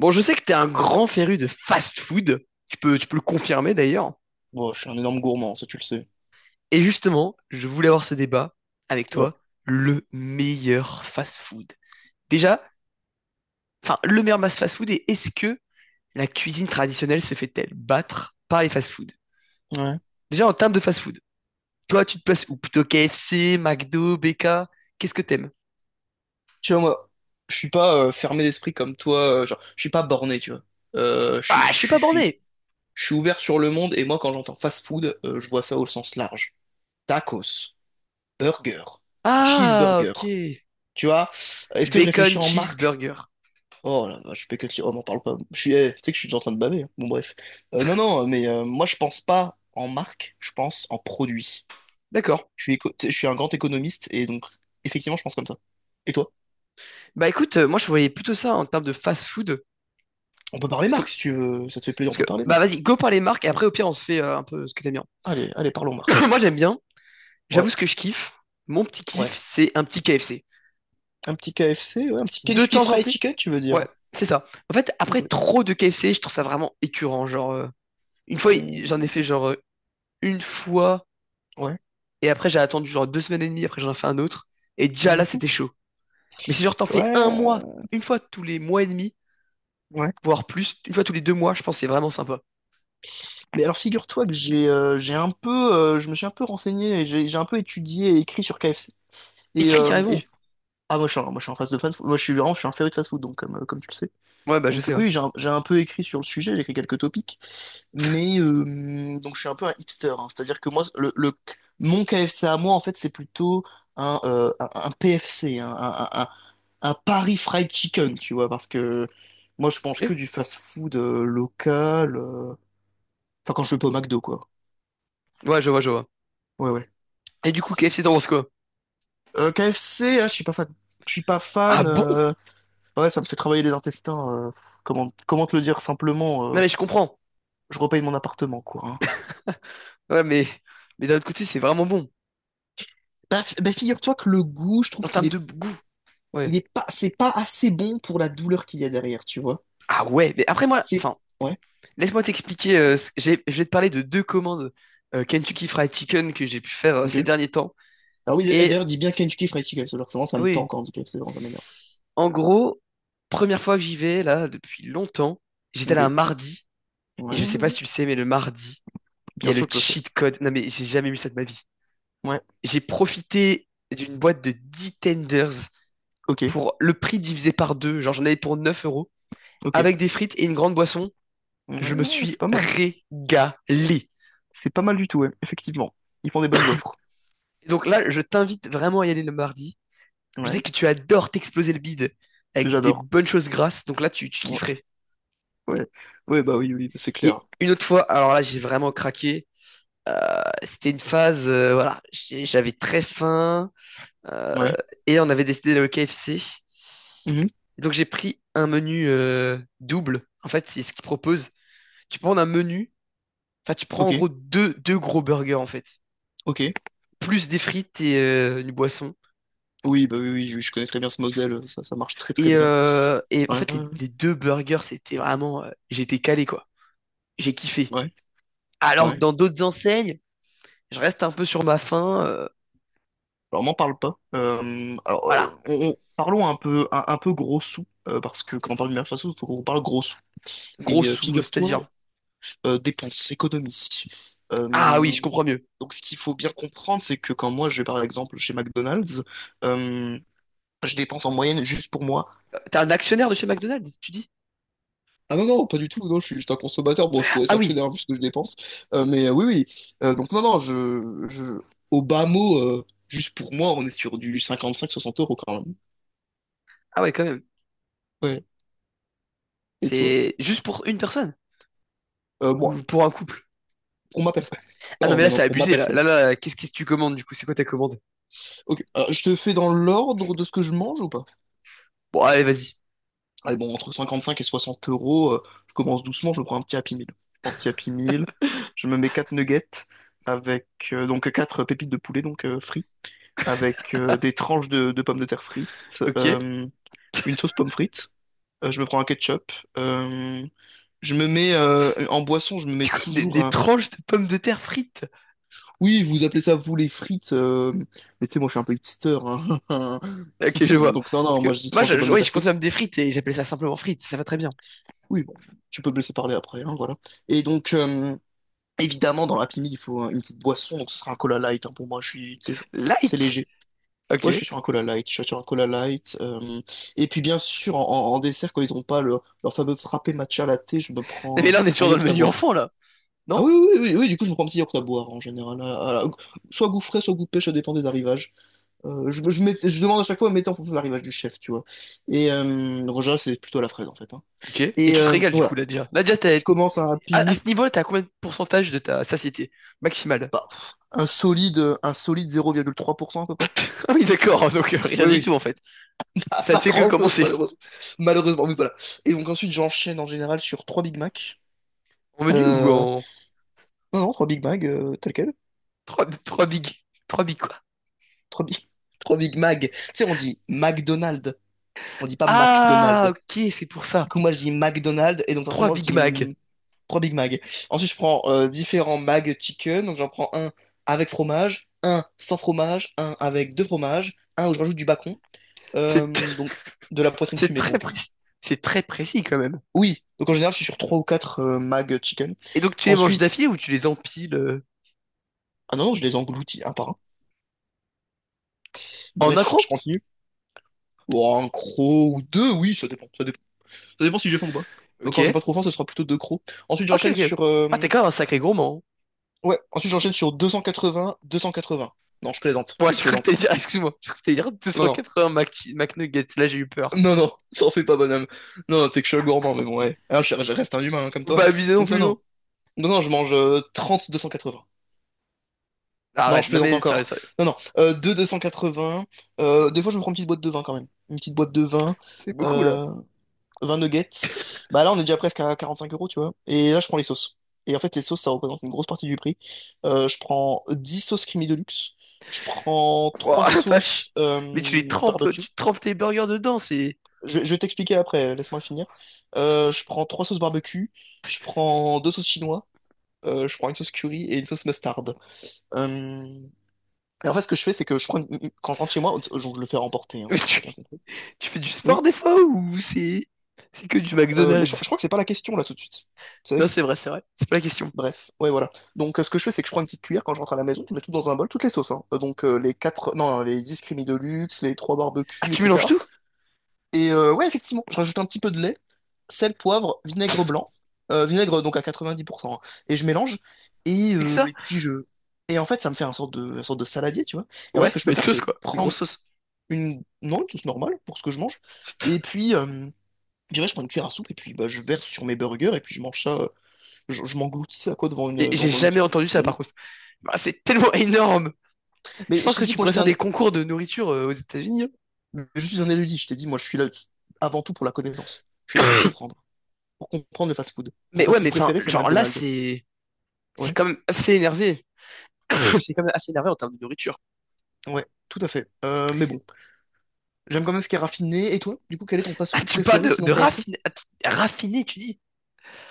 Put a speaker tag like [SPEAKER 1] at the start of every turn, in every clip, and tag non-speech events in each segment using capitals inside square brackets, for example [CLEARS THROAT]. [SPEAKER 1] Bon, je sais que t'es un grand féru de fast-food. Tu peux le confirmer d'ailleurs.
[SPEAKER 2] Bon, je suis un énorme gourmand, ça tu le sais.
[SPEAKER 1] Et justement, je voulais avoir ce débat avec
[SPEAKER 2] Ouais.
[SPEAKER 1] toi. Le meilleur fast-food. Déjà, enfin, le meilleur mass fast-food et est-ce que la cuisine traditionnelle se fait-elle battre par les fast-food?
[SPEAKER 2] Ouais.
[SPEAKER 1] Déjà, en termes de fast-food, toi, tu te places où? Plutôt KFC, McDo, BK? Qu'est-ce que t'aimes?
[SPEAKER 2] Tu vois, moi, je suis pas fermé d'esprit comme toi, genre, je suis pas borné, tu vois. Euh, je
[SPEAKER 1] Ah,
[SPEAKER 2] suis,
[SPEAKER 1] je
[SPEAKER 2] je
[SPEAKER 1] suis
[SPEAKER 2] suis,
[SPEAKER 1] pas
[SPEAKER 2] je suis
[SPEAKER 1] borné.
[SPEAKER 2] je suis ouvert sur le monde, et moi, quand j'entends fast food, je vois ça au sens large. Tacos, burger,
[SPEAKER 1] Ah,
[SPEAKER 2] cheeseburger,
[SPEAKER 1] ok.
[SPEAKER 2] tu vois. Est-ce que je
[SPEAKER 1] Bacon
[SPEAKER 2] réfléchis en marque?
[SPEAKER 1] cheeseburger.
[SPEAKER 2] Oh là je fais que te dire, oh, m'en parle pas. Tu sais que je suis déjà en train de baver, hein. Bon, bref. Non, non, mais moi, je pense pas en marque, je pense en produit.
[SPEAKER 1] D'accord.
[SPEAKER 2] Je suis un grand économiste, et donc, effectivement, je pense comme ça. Et toi?
[SPEAKER 1] Bah écoute, moi je voyais plutôt ça en termes de fast-food.
[SPEAKER 2] On peut parler Marc si tu veux. Ça te fait plaisir, on peut
[SPEAKER 1] Parce que,
[SPEAKER 2] parler
[SPEAKER 1] bah
[SPEAKER 2] Marc.
[SPEAKER 1] vas-y, go par les marques et après au pire on se fait un peu ce que t'aimes bien.
[SPEAKER 2] Allez, allez, parlons
[SPEAKER 1] [COUGHS] [LAUGHS]
[SPEAKER 2] Marc.
[SPEAKER 1] Moi j'aime bien,
[SPEAKER 2] Ouais,
[SPEAKER 1] j'avoue ce que je kiffe. Mon petit kiff,
[SPEAKER 2] ouais.
[SPEAKER 1] c'est un petit KFC.
[SPEAKER 2] Un petit KFC, ouais, un petit
[SPEAKER 1] De
[SPEAKER 2] Kentucky
[SPEAKER 1] temps en
[SPEAKER 2] Fried
[SPEAKER 1] temps.
[SPEAKER 2] Chicken, tu veux
[SPEAKER 1] Ouais,
[SPEAKER 2] dire.
[SPEAKER 1] c'est ça. En fait,
[SPEAKER 2] Ok.
[SPEAKER 1] après trop de KFC, je trouve ça vraiment écœurant. Genre, une fois, j'en ai
[SPEAKER 2] Mm,
[SPEAKER 1] fait genre une fois
[SPEAKER 2] ouais.
[SPEAKER 1] et après j'ai attendu genre 2 semaines et demie, après j'en ai fait un autre. Et déjà là,
[SPEAKER 2] Mhm.
[SPEAKER 1] c'était chaud. Mais si genre t'en fais
[SPEAKER 2] Ouais,
[SPEAKER 1] un mois, une fois tous les mois et demi,
[SPEAKER 2] ouais.
[SPEAKER 1] voire plus, une fois tous les 2 mois, je pense que c'est vraiment sympa.
[SPEAKER 2] Mais alors figure-toi que j'ai un peu je me suis un peu renseigné et j'ai un peu étudié et écrit sur KFC. Et,
[SPEAKER 1] Écrit
[SPEAKER 2] euh, et-
[SPEAKER 1] carrément.
[SPEAKER 2] ah moi je suis en phase de fan. Moi je suis vraiment je suis un féru de fast food donc comme tu le sais.
[SPEAKER 1] Ouais, bah je
[SPEAKER 2] Donc
[SPEAKER 1] sais, ouais.
[SPEAKER 2] oui, j'ai un peu écrit sur le sujet, j'ai écrit quelques topics, mais donc je suis un peu un hipster, hein. C'est-à-dire que moi, mon KFC à moi, en fait, c'est plutôt un PFC, un Paris Fried Chicken, tu vois, parce que moi, je mange que
[SPEAKER 1] Ok.
[SPEAKER 2] du fast-food local, enfin, quand je vais pas au McDo, quoi.
[SPEAKER 1] Ouais, je vois, je vois.
[SPEAKER 2] Ouais, ouais.
[SPEAKER 1] Et du coup, KFC, t'en penses quoi?
[SPEAKER 2] KFC, ah, je suis pas fan. Je suis pas
[SPEAKER 1] Ah
[SPEAKER 2] fan,
[SPEAKER 1] bon?
[SPEAKER 2] ouais, ça me fait travailler les intestins, comment te le dire simplement,
[SPEAKER 1] Non, mais je comprends.
[SPEAKER 2] je repaye mon appartement, quoi, hein.
[SPEAKER 1] Ouais, mais d'un autre côté, c'est vraiment bon.
[SPEAKER 2] Bah, figure-toi que le goût, je
[SPEAKER 1] En
[SPEAKER 2] trouve qu'il
[SPEAKER 1] termes de
[SPEAKER 2] est,
[SPEAKER 1] goût.
[SPEAKER 2] il
[SPEAKER 1] Ouais.
[SPEAKER 2] est pas, c'est pas assez bon pour la douleur qu'il y a derrière, tu vois.
[SPEAKER 1] Ah ouais, mais après moi,
[SPEAKER 2] C'est,
[SPEAKER 1] enfin,
[SPEAKER 2] ouais,
[SPEAKER 1] laisse-moi t'expliquer. Je vais te parler de deux commandes Kentucky Fried Chicken que j'ai pu faire ces
[SPEAKER 2] ok.
[SPEAKER 1] derniers temps.
[SPEAKER 2] Ah oui, et
[SPEAKER 1] Et
[SPEAKER 2] d'ailleurs, dis bien Kentucky Fried Chicken, parce que vraiment, ça me tend
[SPEAKER 1] oui.
[SPEAKER 2] quand on dit KFC, vraiment, ça m'énerve.
[SPEAKER 1] En gros, première fois que j'y vais, là, depuis longtemps, j'étais
[SPEAKER 2] Ok.
[SPEAKER 1] là un mardi, et je sais
[SPEAKER 2] Ouais,
[SPEAKER 1] pas si tu le sais, mais le mardi, il y
[SPEAKER 2] bien
[SPEAKER 1] a le
[SPEAKER 2] sûr que je le sais.
[SPEAKER 1] cheat code. Non mais j'ai jamais vu ça de ma vie.
[SPEAKER 2] Ouais,
[SPEAKER 1] J'ai profité d'une boîte de 10 tenders
[SPEAKER 2] ok,
[SPEAKER 1] pour le prix divisé par deux. Genre j'en avais pour 9 euros,
[SPEAKER 2] ok.
[SPEAKER 1] avec des frites et une grande boisson.
[SPEAKER 2] Ouais,
[SPEAKER 1] Je me
[SPEAKER 2] c'est
[SPEAKER 1] suis
[SPEAKER 2] pas mal.
[SPEAKER 1] régalé.
[SPEAKER 2] C'est pas mal du tout, ouais, effectivement. Ils font des bonnes offres.
[SPEAKER 1] Et donc là, je t'invite vraiment à y aller le mardi. Je sais
[SPEAKER 2] Ouais,
[SPEAKER 1] que tu adores t'exploser le bide avec des
[SPEAKER 2] j'adore.
[SPEAKER 1] bonnes choses grasses, donc là, tu
[SPEAKER 2] Ouais,
[SPEAKER 1] kifferais.
[SPEAKER 2] [LAUGHS] ouais, ouais, bah oui, oui, c'est clair.
[SPEAKER 1] Et une autre fois, alors là, j'ai vraiment craqué. C'était une phase, voilà, j'avais très faim euh,
[SPEAKER 2] Ouais.
[SPEAKER 1] et on avait décidé d'aller au KFC.
[SPEAKER 2] Mhm.
[SPEAKER 1] Donc j'ai pris un menu double. En fait, c'est ce qu'ils proposent. Tu prends un menu, enfin tu prends
[SPEAKER 2] Ok,
[SPEAKER 1] en gros deux gros burgers en fait,
[SPEAKER 2] ok.
[SPEAKER 1] plus des frites et une boisson.
[SPEAKER 2] Oui, bah oui, oui, je connais très bien ce modèle, ça marche très très
[SPEAKER 1] Et,
[SPEAKER 2] bien.
[SPEAKER 1] euh, et en
[SPEAKER 2] Ouais,
[SPEAKER 1] fait, les deux burgers, c'était vraiment. J'étais calé, quoi. J'ai kiffé.
[SPEAKER 2] ouais,
[SPEAKER 1] Alors que
[SPEAKER 2] ouais.
[SPEAKER 1] dans d'autres enseignes, je reste un peu sur ma faim. euh,
[SPEAKER 2] Alors, m'en parle pas. Alors,
[SPEAKER 1] voilà.
[SPEAKER 2] parlons un peu, un peu gros sous, parce que quand on parle du façon, il faut qu'on parle gros sous.
[SPEAKER 1] Gros
[SPEAKER 2] Et
[SPEAKER 1] sous,
[SPEAKER 2] figure-toi,
[SPEAKER 1] c'est-à-dire.
[SPEAKER 2] dépenses, économies.
[SPEAKER 1] Ah oui,
[SPEAKER 2] Euh,
[SPEAKER 1] je comprends mieux.
[SPEAKER 2] donc, ce qu'il faut bien comprendre, c'est que quand moi, je vais par exemple chez McDonald's, euh, je dépense en moyenne juste pour moi.
[SPEAKER 1] T'es un actionnaire de chez McDonald's, tu dis?
[SPEAKER 2] Ah non, non, pas du tout, non, je suis juste un consommateur. Bon, je
[SPEAKER 1] Ah,
[SPEAKER 2] pourrais
[SPEAKER 1] ah
[SPEAKER 2] être
[SPEAKER 1] oui.
[SPEAKER 2] actionnaire vu ce que je dépense. Oui, oui. Donc, non, non, je, au bas mot, juste pour moi, on est sur du 55-60 € quand même.
[SPEAKER 1] Ah ouais, quand même.
[SPEAKER 2] Ouais. Et toi?
[SPEAKER 1] C'est juste pour une personne.
[SPEAKER 2] Euh, bon,
[SPEAKER 1] Ou pour un couple.
[SPEAKER 2] Pour ma personne. [LAUGHS]
[SPEAKER 1] Ah non,
[SPEAKER 2] Non,
[SPEAKER 1] mais là,
[SPEAKER 2] non, non,
[SPEAKER 1] c'est
[SPEAKER 2] pour ma
[SPEAKER 1] abusé, là.
[SPEAKER 2] personne.
[SPEAKER 1] Qu'est-ce que tu commandes, du coup? C'est quoi ta commande?
[SPEAKER 2] Ok, alors je te fais dans l'ordre de ce que je mange ou pas?
[SPEAKER 1] Bon, allez, vas-y.
[SPEAKER 2] Allez, bon, entre 55 et 60 euros, je commence doucement, je me prends un petit Happy Meal. Je prends un petit Happy Meal, je me mets 4 nuggets avec donc 4 pépites de poulet, donc frites, avec des tranches de pommes de terre frites,
[SPEAKER 1] Ok.
[SPEAKER 2] une sauce pomme frite, je me prends un ketchup, je me mets en boisson, je me mets
[SPEAKER 1] Du coup, des,
[SPEAKER 2] toujours
[SPEAKER 1] des
[SPEAKER 2] un.
[SPEAKER 1] tranches de pommes de terre frites.
[SPEAKER 2] Oui, vous appelez ça vous les frites, mais tu sais, moi je suis un peu hipster, hein. [LAUGHS]
[SPEAKER 1] Ok,
[SPEAKER 2] [CLEARS THROAT]
[SPEAKER 1] je vois.
[SPEAKER 2] Donc non,
[SPEAKER 1] Parce
[SPEAKER 2] non, moi
[SPEAKER 1] que
[SPEAKER 2] je dis
[SPEAKER 1] moi,
[SPEAKER 2] tranche de pommes de
[SPEAKER 1] oui,
[SPEAKER 2] terre
[SPEAKER 1] je
[SPEAKER 2] frites.
[SPEAKER 1] consomme des frites et j'appelle ça simplement frites. Ça va très bien.
[SPEAKER 2] Oui, bon, tu peux me laisser parler après, hein, voilà. Et donc, évidemment, dans l'Happy Meal, il faut une petite boisson, donc ce sera un cola light, hein, pour moi, je suis, tu sais, je- c'est
[SPEAKER 1] Light?
[SPEAKER 2] léger. Ouais, je
[SPEAKER 1] Ok.
[SPEAKER 2] suis sur un cola light, je suis sur un cola light, et puis bien sûr, en dessert, quand ils n'ont pas leur fameux frappé matcha latte, je me prends
[SPEAKER 1] Mais là, on est
[SPEAKER 2] un
[SPEAKER 1] toujours dans le
[SPEAKER 2] yaourt à
[SPEAKER 1] menu
[SPEAKER 2] boire.
[SPEAKER 1] enfant, là. Non?
[SPEAKER 2] Ah oui, oui, oui, oui, oui, du coup, je me prends un petit yaourt à boire, en général, soit goût frais, soit goût pêche, ça dépend des arrivages. Je demande à chaque fois, mettez en fonction de l'arrivage du chef, tu vois. Et en général, c'est plutôt à la fraise, en fait, hein.
[SPEAKER 1] Ok. Et
[SPEAKER 2] Et
[SPEAKER 1] tu te régales, du coup,
[SPEAKER 2] voilà,
[SPEAKER 1] Nadia. Nadia, t'as-
[SPEAKER 2] je commence à un Happy
[SPEAKER 1] à
[SPEAKER 2] Meal,
[SPEAKER 1] ce niveau-là, t'as combien de pourcentage de ta satiété maximale? [LAUGHS]
[SPEAKER 2] bah, un solide 0,3% à peu près.
[SPEAKER 1] Ah oui, d'accord. [LAUGHS] Donc, rien
[SPEAKER 2] Oui,
[SPEAKER 1] du tout,
[SPEAKER 2] oui,
[SPEAKER 1] en fait.
[SPEAKER 2] [LAUGHS] pas,
[SPEAKER 1] Ça ne
[SPEAKER 2] pas
[SPEAKER 1] fait que
[SPEAKER 2] grand-chose,
[SPEAKER 1] commencer.
[SPEAKER 2] malheureusement. Malheureusement, oui, voilà. Et donc ensuite, j'enchaîne en général sur 3 Big Mac.
[SPEAKER 1] En menu ou
[SPEAKER 2] Euh,
[SPEAKER 1] en...
[SPEAKER 2] non, non, 3 Big Mac, tel quel.
[SPEAKER 1] trois, trois big... 3 big quoi?
[SPEAKER 2] 3 Big, [LAUGHS] 3 Big Mac. Tu sais, on dit McDonald's, on dit pas
[SPEAKER 1] Ah,
[SPEAKER 2] McDonald's.
[SPEAKER 1] ok, c'est pour
[SPEAKER 2] Du
[SPEAKER 1] ça.
[SPEAKER 2] coup, moi, je dis McDonald's, et donc
[SPEAKER 1] 3
[SPEAKER 2] forcément, je
[SPEAKER 1] Big
[SPEAKER 2] dis
[SPEAKER 1] Mac.
[SPEAKER 2] 3 Big Mac. Ensuite, je prends différents Mac Chicken, donc j'en prends un avec fromage, un sans fromage, un avec deux fromages, un où je rajoute du bacon.
[SPEAKER 1] C'est, t-
[SPEAKER 2] Donc, de la
[SPEAKER 1] [LAUGHS]
[SPEAKER 2] poitrine
[SPEAKER 1] c'est
[SPEAKER 2] fumée,
[SPEAKER 1] très
[SPEAKER 2] donc.
[SPEAKER 1] précis. C'est très précis, quand même.
[SPEAKER 2] Oui, donc en général, je suis sur 3 ou 4 mag chicken.
[SPEAKER 1] Et donc, tu les manges
[SPEAKER 2] Ensuite,
[SPEAKER 1] d'affilée ou tu les empiles
[SPEAKER 2] ah non, non, je les engloutis un par un.
[SPEAKER 1] en
[SPEAKER 2] Bref, je
[SPEAKER 1] accro?
[SPEAKER 2] continue. Oh, un croc ou deux, oui, ça dépend. Ça dépend, ça dépend si j'ai faim ou pas. Euh,
[SPEAKER 1] Ok.
[SPEAKER 2] Quand j'ai pas trop faim, ce sera plutôt deux crocs. Ensuite,
[SPEAKER 1] Ok,
[SPEAKER 2] j'enchaîne
[SPEAKER 1] ok.
[SPEAKER 2] sur.
[SPEAKER 1] Ah, t'es quand même un sacré gourmand.
[SPEAKER 2] Ouais, ensuite, j'enchaîne sur deux cent quatre-vingts. Non, je plaisante,
[SPEAKER 1] Moi,
[SPEAKER 2] je
[SPEAKER 1] je crois que t'allais
[SPEAKER 2] plaisante.
[SPEAKER 1] dire, ah, excuse-moi, je crois que t'allais dire
[SPEAKER 2] Non, non.
[SPEAKER 1] 280 Mac, McNuggets. Là, j'ai eu peur.
[SPEAKER 2] Non, non, [LAUGHS] t'en fais pas, bonhomme. Non, non, t'es que je suis un gourmand, mais bon, ouais. Ah, je reste un humain, hein, comme
[SPEAKER 1] Faut
[SPEAKER 2] toi.
[SPEAKER 1] pas abuser non
[SPEAKER 2] Donc, non,
[SPEAKER 1] plus, hein.
[SPEAKER 2] non. Non, non, je mange 30, 280. Non,
[SPEAKER 1] Arrête,
[SPEAKER 2] je
[SPEAKER 1] non
[SPEAKER 2] plaisante
[SPEAKER 1] mais sérieux,
[SPEAKER 2] encore.
[SPEAKER 1] sérieux.
[SPEAKER 2] Non, non. 2 280. Des fois, je me prends une petite boîte de vin quand même. Une petite boîte de vin.
[SPEAKER 1] C'est beaucoup là.
[SPEAKER 2] Euh, 20 nuggets. Bah là, on est déjà presque à 45 euros, tu vois. Et là, je prends les sauces. Et en fait, les sauces, ça représente une grosse partie du prix. Je prends 10 sauces creamy deluxe. Je prends trois
[SPEAKER 1] Ouah, la
[SPEAKER 2] sauces
[SPEAKER 1] vache. Mais tu les trempes,
[SPEAKER 2] barbecue.
[SPEAKER 1] tu trempes tes burgers dedans, c'est.
[SPEAKER 2] Je vais t'expliquer après, laisse-moi finir. Je prends 3 sauces barbecue. Je prends 2 sauces chinois. Je prends une sauce curry et une sauce mustard. Euh, Et en fait, ce que je fais, c'est que je prends une- quand je rentre chez moi, je le fais remporter, hein,
[SPEAKER 1] Mais
[SPEAKER 2] t'as
[SPEAKER 1] tu,
[SPEAKER 2] bien compris.
[SPEAKER 1] tu fais du sport
[SPEAKER 2] Oui.
[SPEAKER 1] des fois ou c'est. C'est que du
[SPEAKER 2] Mais
[SPEAKER 1] McDonald's?
[SPEAKER 2] je crois que c'est pas la question là tout de suite. Tu
[SPEAKER 1] Non,
[SPEAKER 2] sais?
[SPEAKER 1] c'est vrai, c'est vrai. C'est pas la question.
[SPEAKER 2] Bref, ouais, voilà. Donc, ce que je fais, c'est que je prends une petite cuillère quand je rentre à la maison, je mets tout dans un bol, toutes les sauces, hein. Donc, les quatre, non, les 10 crémies de luxe, les trois
[SPEAKER 1] Ah,
[SPEAKER 2] barbecues,
[SPEAKER 1] tu mélanges
[SPEAKER 2] etc.
[SPEAKER 1] tout?
[SPEAKER 2] Et ouais, effectivement, je rajoute un petit peu de lait, sel, poivre, vinaigre blanc, vinaigre donc à 90%, hein, et je mélange. Et,
[SPEAKER 1] C'est que
[SPEAKER 2] euh,
[SPEAKER 1] ça?
[SPEAKER 2] et puis je. Et en fait, ça me fait un sorte de, une sorte de saladier, tu vois. Et en fait, ce
[SPEAKER 1] Ouais,
[SPEAKER 2] que je
[SPEAKER 1] bah
[SPEAKER 2] peux
[SPEAKER 1] une
[SPEAKER 2] faire,
[SPEAKER 1] sauce
[SPEAKER 2] c'est
[SPEAKER 1] quoi. Une
[SPEAKER 2] prendre
[SPEAKER 1] grosse sauce.
[SPEAKER 2] Non, une sauce normale pour ce que je mange. Et puis, je dirais, je prends une cuillère à soupe et puis bah, je verse sur mes burgers et puis je mange ça, je m'engloutis ça quoi devant
[SPEAKER 1] Et j'ai
[SPEAKER 2] une
[SPEAKER 1] jamais
[SPEAKER 2] petite une
[SPEAKER 1] entendu
[SPEAKER 2] petite
[SPEAKER 1] ça
[SPEAKER 2] série.
[SPEAKER 1] par contre. Bah, c'est tellement énorme. Je
[SPEAKER 2] Mais je
[SPEAKER 1] pense
[SPEAKER 2] t'ai
[SPEAKER 1] que
[SPEAKER 2] dit
[SPEAKER 1] tu
[SPEAKER 2] que moi
[SPEAKER 1] pourrais
[SPEAKER 2] j'étais
[SPEAKER 1] faire
[SPEAKER 2] un.
[SPEAKER 1] des concours de nourriture aux États-Unis, hein.
[SPEAKER 2] Je suis un érudit, je t'ai dit, moi je suis là avant tout pour la connaissance. Je suis là pour
[SPEAKER 1] [COUGHS]
[SPEAKER 2] comprendre. Pour comprendre le fast-food. Mon
[SPEAKER 1] Mais ouais,
[SPEAKER 2] fast-food
[SPEAKER 1] mais enfin,
[SPEAKER 2] préféré, c'est
[SPEAKER 1] genre là,
[SPEAKER 2] McDonald's.
[SPEAKER 1] c'est
[SPEAKER 2] Ouais,
[SPEAKER 1] quand même assez énervé. [LAUGHS] C'est quand même assez énervé en termes de nourriture.
[SPEAKER 2] ouais, tout à fait. Mais bon, j'aime quand même ce qui est raffiné. Et toi, du coup, quel est ton
[SPEAKER 1] Ah,
[SPEAKER 2] fast-food
[SPEAKER 1] tu parles
[SPEAKER 2] préféré
[SPEAKER 1] de,
[SPEAKER 2] sinon
[SPEAKER 1] de
[SPEAKER 2] KFC?
[SPEAKER 1] raffiné, raffiné, tu dis.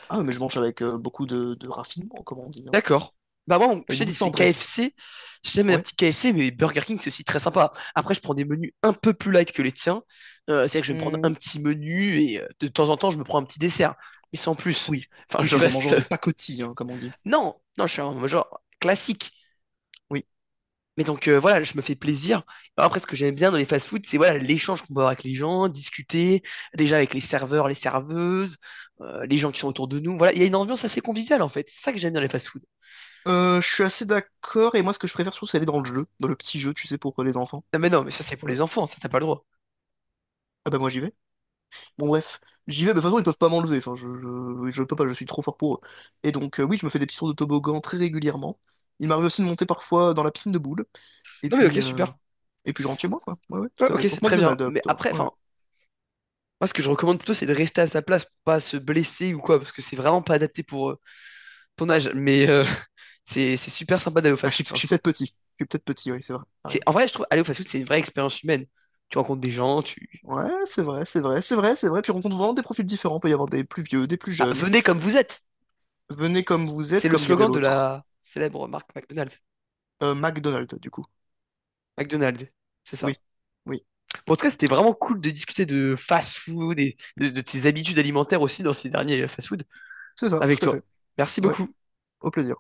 [SPEAKER 2] Ah, mais je mange avec beaucoup de raffinement, comme on dit, hein.
[SPEAKER 1] D'accord. Bah moi,
[SPEAKER 2] Avec
[SPEAKER 1] je te
[SPEAKER 2] beaucoup
[SPEAKER 1] dis,
[SPEAKER 2] de
[SPEAKER 1] c'est K F
[SPEAKER 2] tendresse.
[SPEAKER 1] KFC. J'aime un
[SPEAKER 2] Ouais.
[SPEAKER 1] petit KFC mais Burger King, c'est aussi très sympa. Après, je prends des menus un peu plus light que les tiens. C'est-à-dire que je vais me prendre un petit menu et de temps en temps, je me prends un petit dessert. Mais sans plus.
[SPEAKER 2] Oui,
[SPEAKER 1] Enfin,
[SPEAKER 2] oui,
[SPEAKER 1] je
[SPEAKER 2] tu es un
[SPEAKER 1] reste...
[SPEAKER 2] mangeur de pacotille, hein, comme on dit.
[SPEAKER 1] Non, non, je suis un genre classique.
[SPEAKER 2] Oui.
[SPEAKER 1] Mais donc voilà, je me fais plaisir. Après, ce que j'aime bien dans les fast-foods, c'est voilà l'échange qu'on peut avoir avec les gens, discuter déjà avec les serveurs, les serveuses, les gens qui sont autour de nous. Voilà, il y a une ambiance assez conviviale en fait. C'est ça que j'aime bien dans les fast-foods.
[SPEAKER 2] Je suis assez d'accord, et moi ce que je préfère surtout c'est aller dans le jeu, dans le petit jeu, tu sais, pour les enfants.
[SPEAKER 1] Non mais non, mais ça c'est pour
[SPEAKER 2] Euh,
[SPEAKER 1] les enfants, ça t'as pas le droit.
[SPEAKER 2] ah bah moi j'y vais. Bon bref, j'y vais, mais de toute façon ils peuvent pas m'enlever, enfin je peux pas, je suis trop fort pour eux. Et donc oui, je me fais des petits tours de toboggan très régulièrement. Il m'arrive aussi de monter parfois dans la piscine de boules, et
[SPEAKER 1] Non mais
[SPEAKER 2] puis,
[SPEAKER 1] ok, super.
[SPEAKER 2] je rentre chez moi, quoi. Ouais, ouais,
[SPEAKER 1] Ouais,
[SPEAKER 2] tout à
[SPEAKER 1] ok,
[SPEAKER 2] fait.
[SPEAKER 1] c'est
[SPEAKER 2] Donc
[SPEAKER 1] très bien.
[SPEAKER 2] McDonald's
[SPEAKER 1] Mais
[SPEAKER 2] plutôt,
[SPEAKER 1] après,
[SPEAKER 2] ouais, ouais.
[SPEAKER 1] enfin, moi ce que je recommande plutôt, c'est de rester à sa place, pour pas se blesser ou quoi, parce que c'est vraiment pas adapté pour ton âge. Mais [LAUGHS] c'est super sympa d'aller au
[SPEAKER 2] Ah,
[SPEAKER 1] fast-food. Enfin,
[SPEAKER 2] je
[SPEAKER 1] je
[SPEAKER 2] suis
[SPEAKER 1] trouve.
[SPEAKER 2] peut-être petit, je suis peut-être petit, oui, c'est vrai, t'as
[SPEAKER 1] C'est
[SPEAKER 2] raison.
[SPEAKER 1] en vrai, je trouve aller au fast-food, c'est une vraie expérience humaine. Tu rencontres des gens, tu.
[SPEAKER 2] Ouais, c'est vrai, c'est vrai, c'est vrai, c'est vrai, puis on rencontre vraiment des profils différents, il peut y avoir des plus vieux, des plus
[SPEAKER 1] Ah,
[SPEAKER 2] jeunes.
[SPEAKER 1] venez comme vous êtes.
[SPEAKER 2] Venez comme vous êtes,
[SPEAKER 1] C'est le
[SPEAKER 2] comme dirait
[SPEAKER 1] slogan de
[SPEAKER 2] l'autre.
[SPEAKER 1] la célèbre marque McDonald's.
[SPEAKER 2] McDonald's, du coup.
[SPEAKER 1] McDonald's, c'est ça.
[SPEAKER 2] Oui, oui,
[SPEAKER 1] Bon, en tout cas, c'était vraiment cool de discuter de fast-food et de tes habitudes alimentaires aussi dans ces derniers fast-food
[SPEAKER 2] c'est ça,
[SPEAKER 1] avec
[SPEAKER 2] tout à
[SPEAKER 1] toi.
[SPEAKER 2] fait.
[SPEAKER 1] Merci
[SPEAKER 2] Ouais,
[SPEAKER 1] beaucoup.
[SPEAKER 2] au plaisir.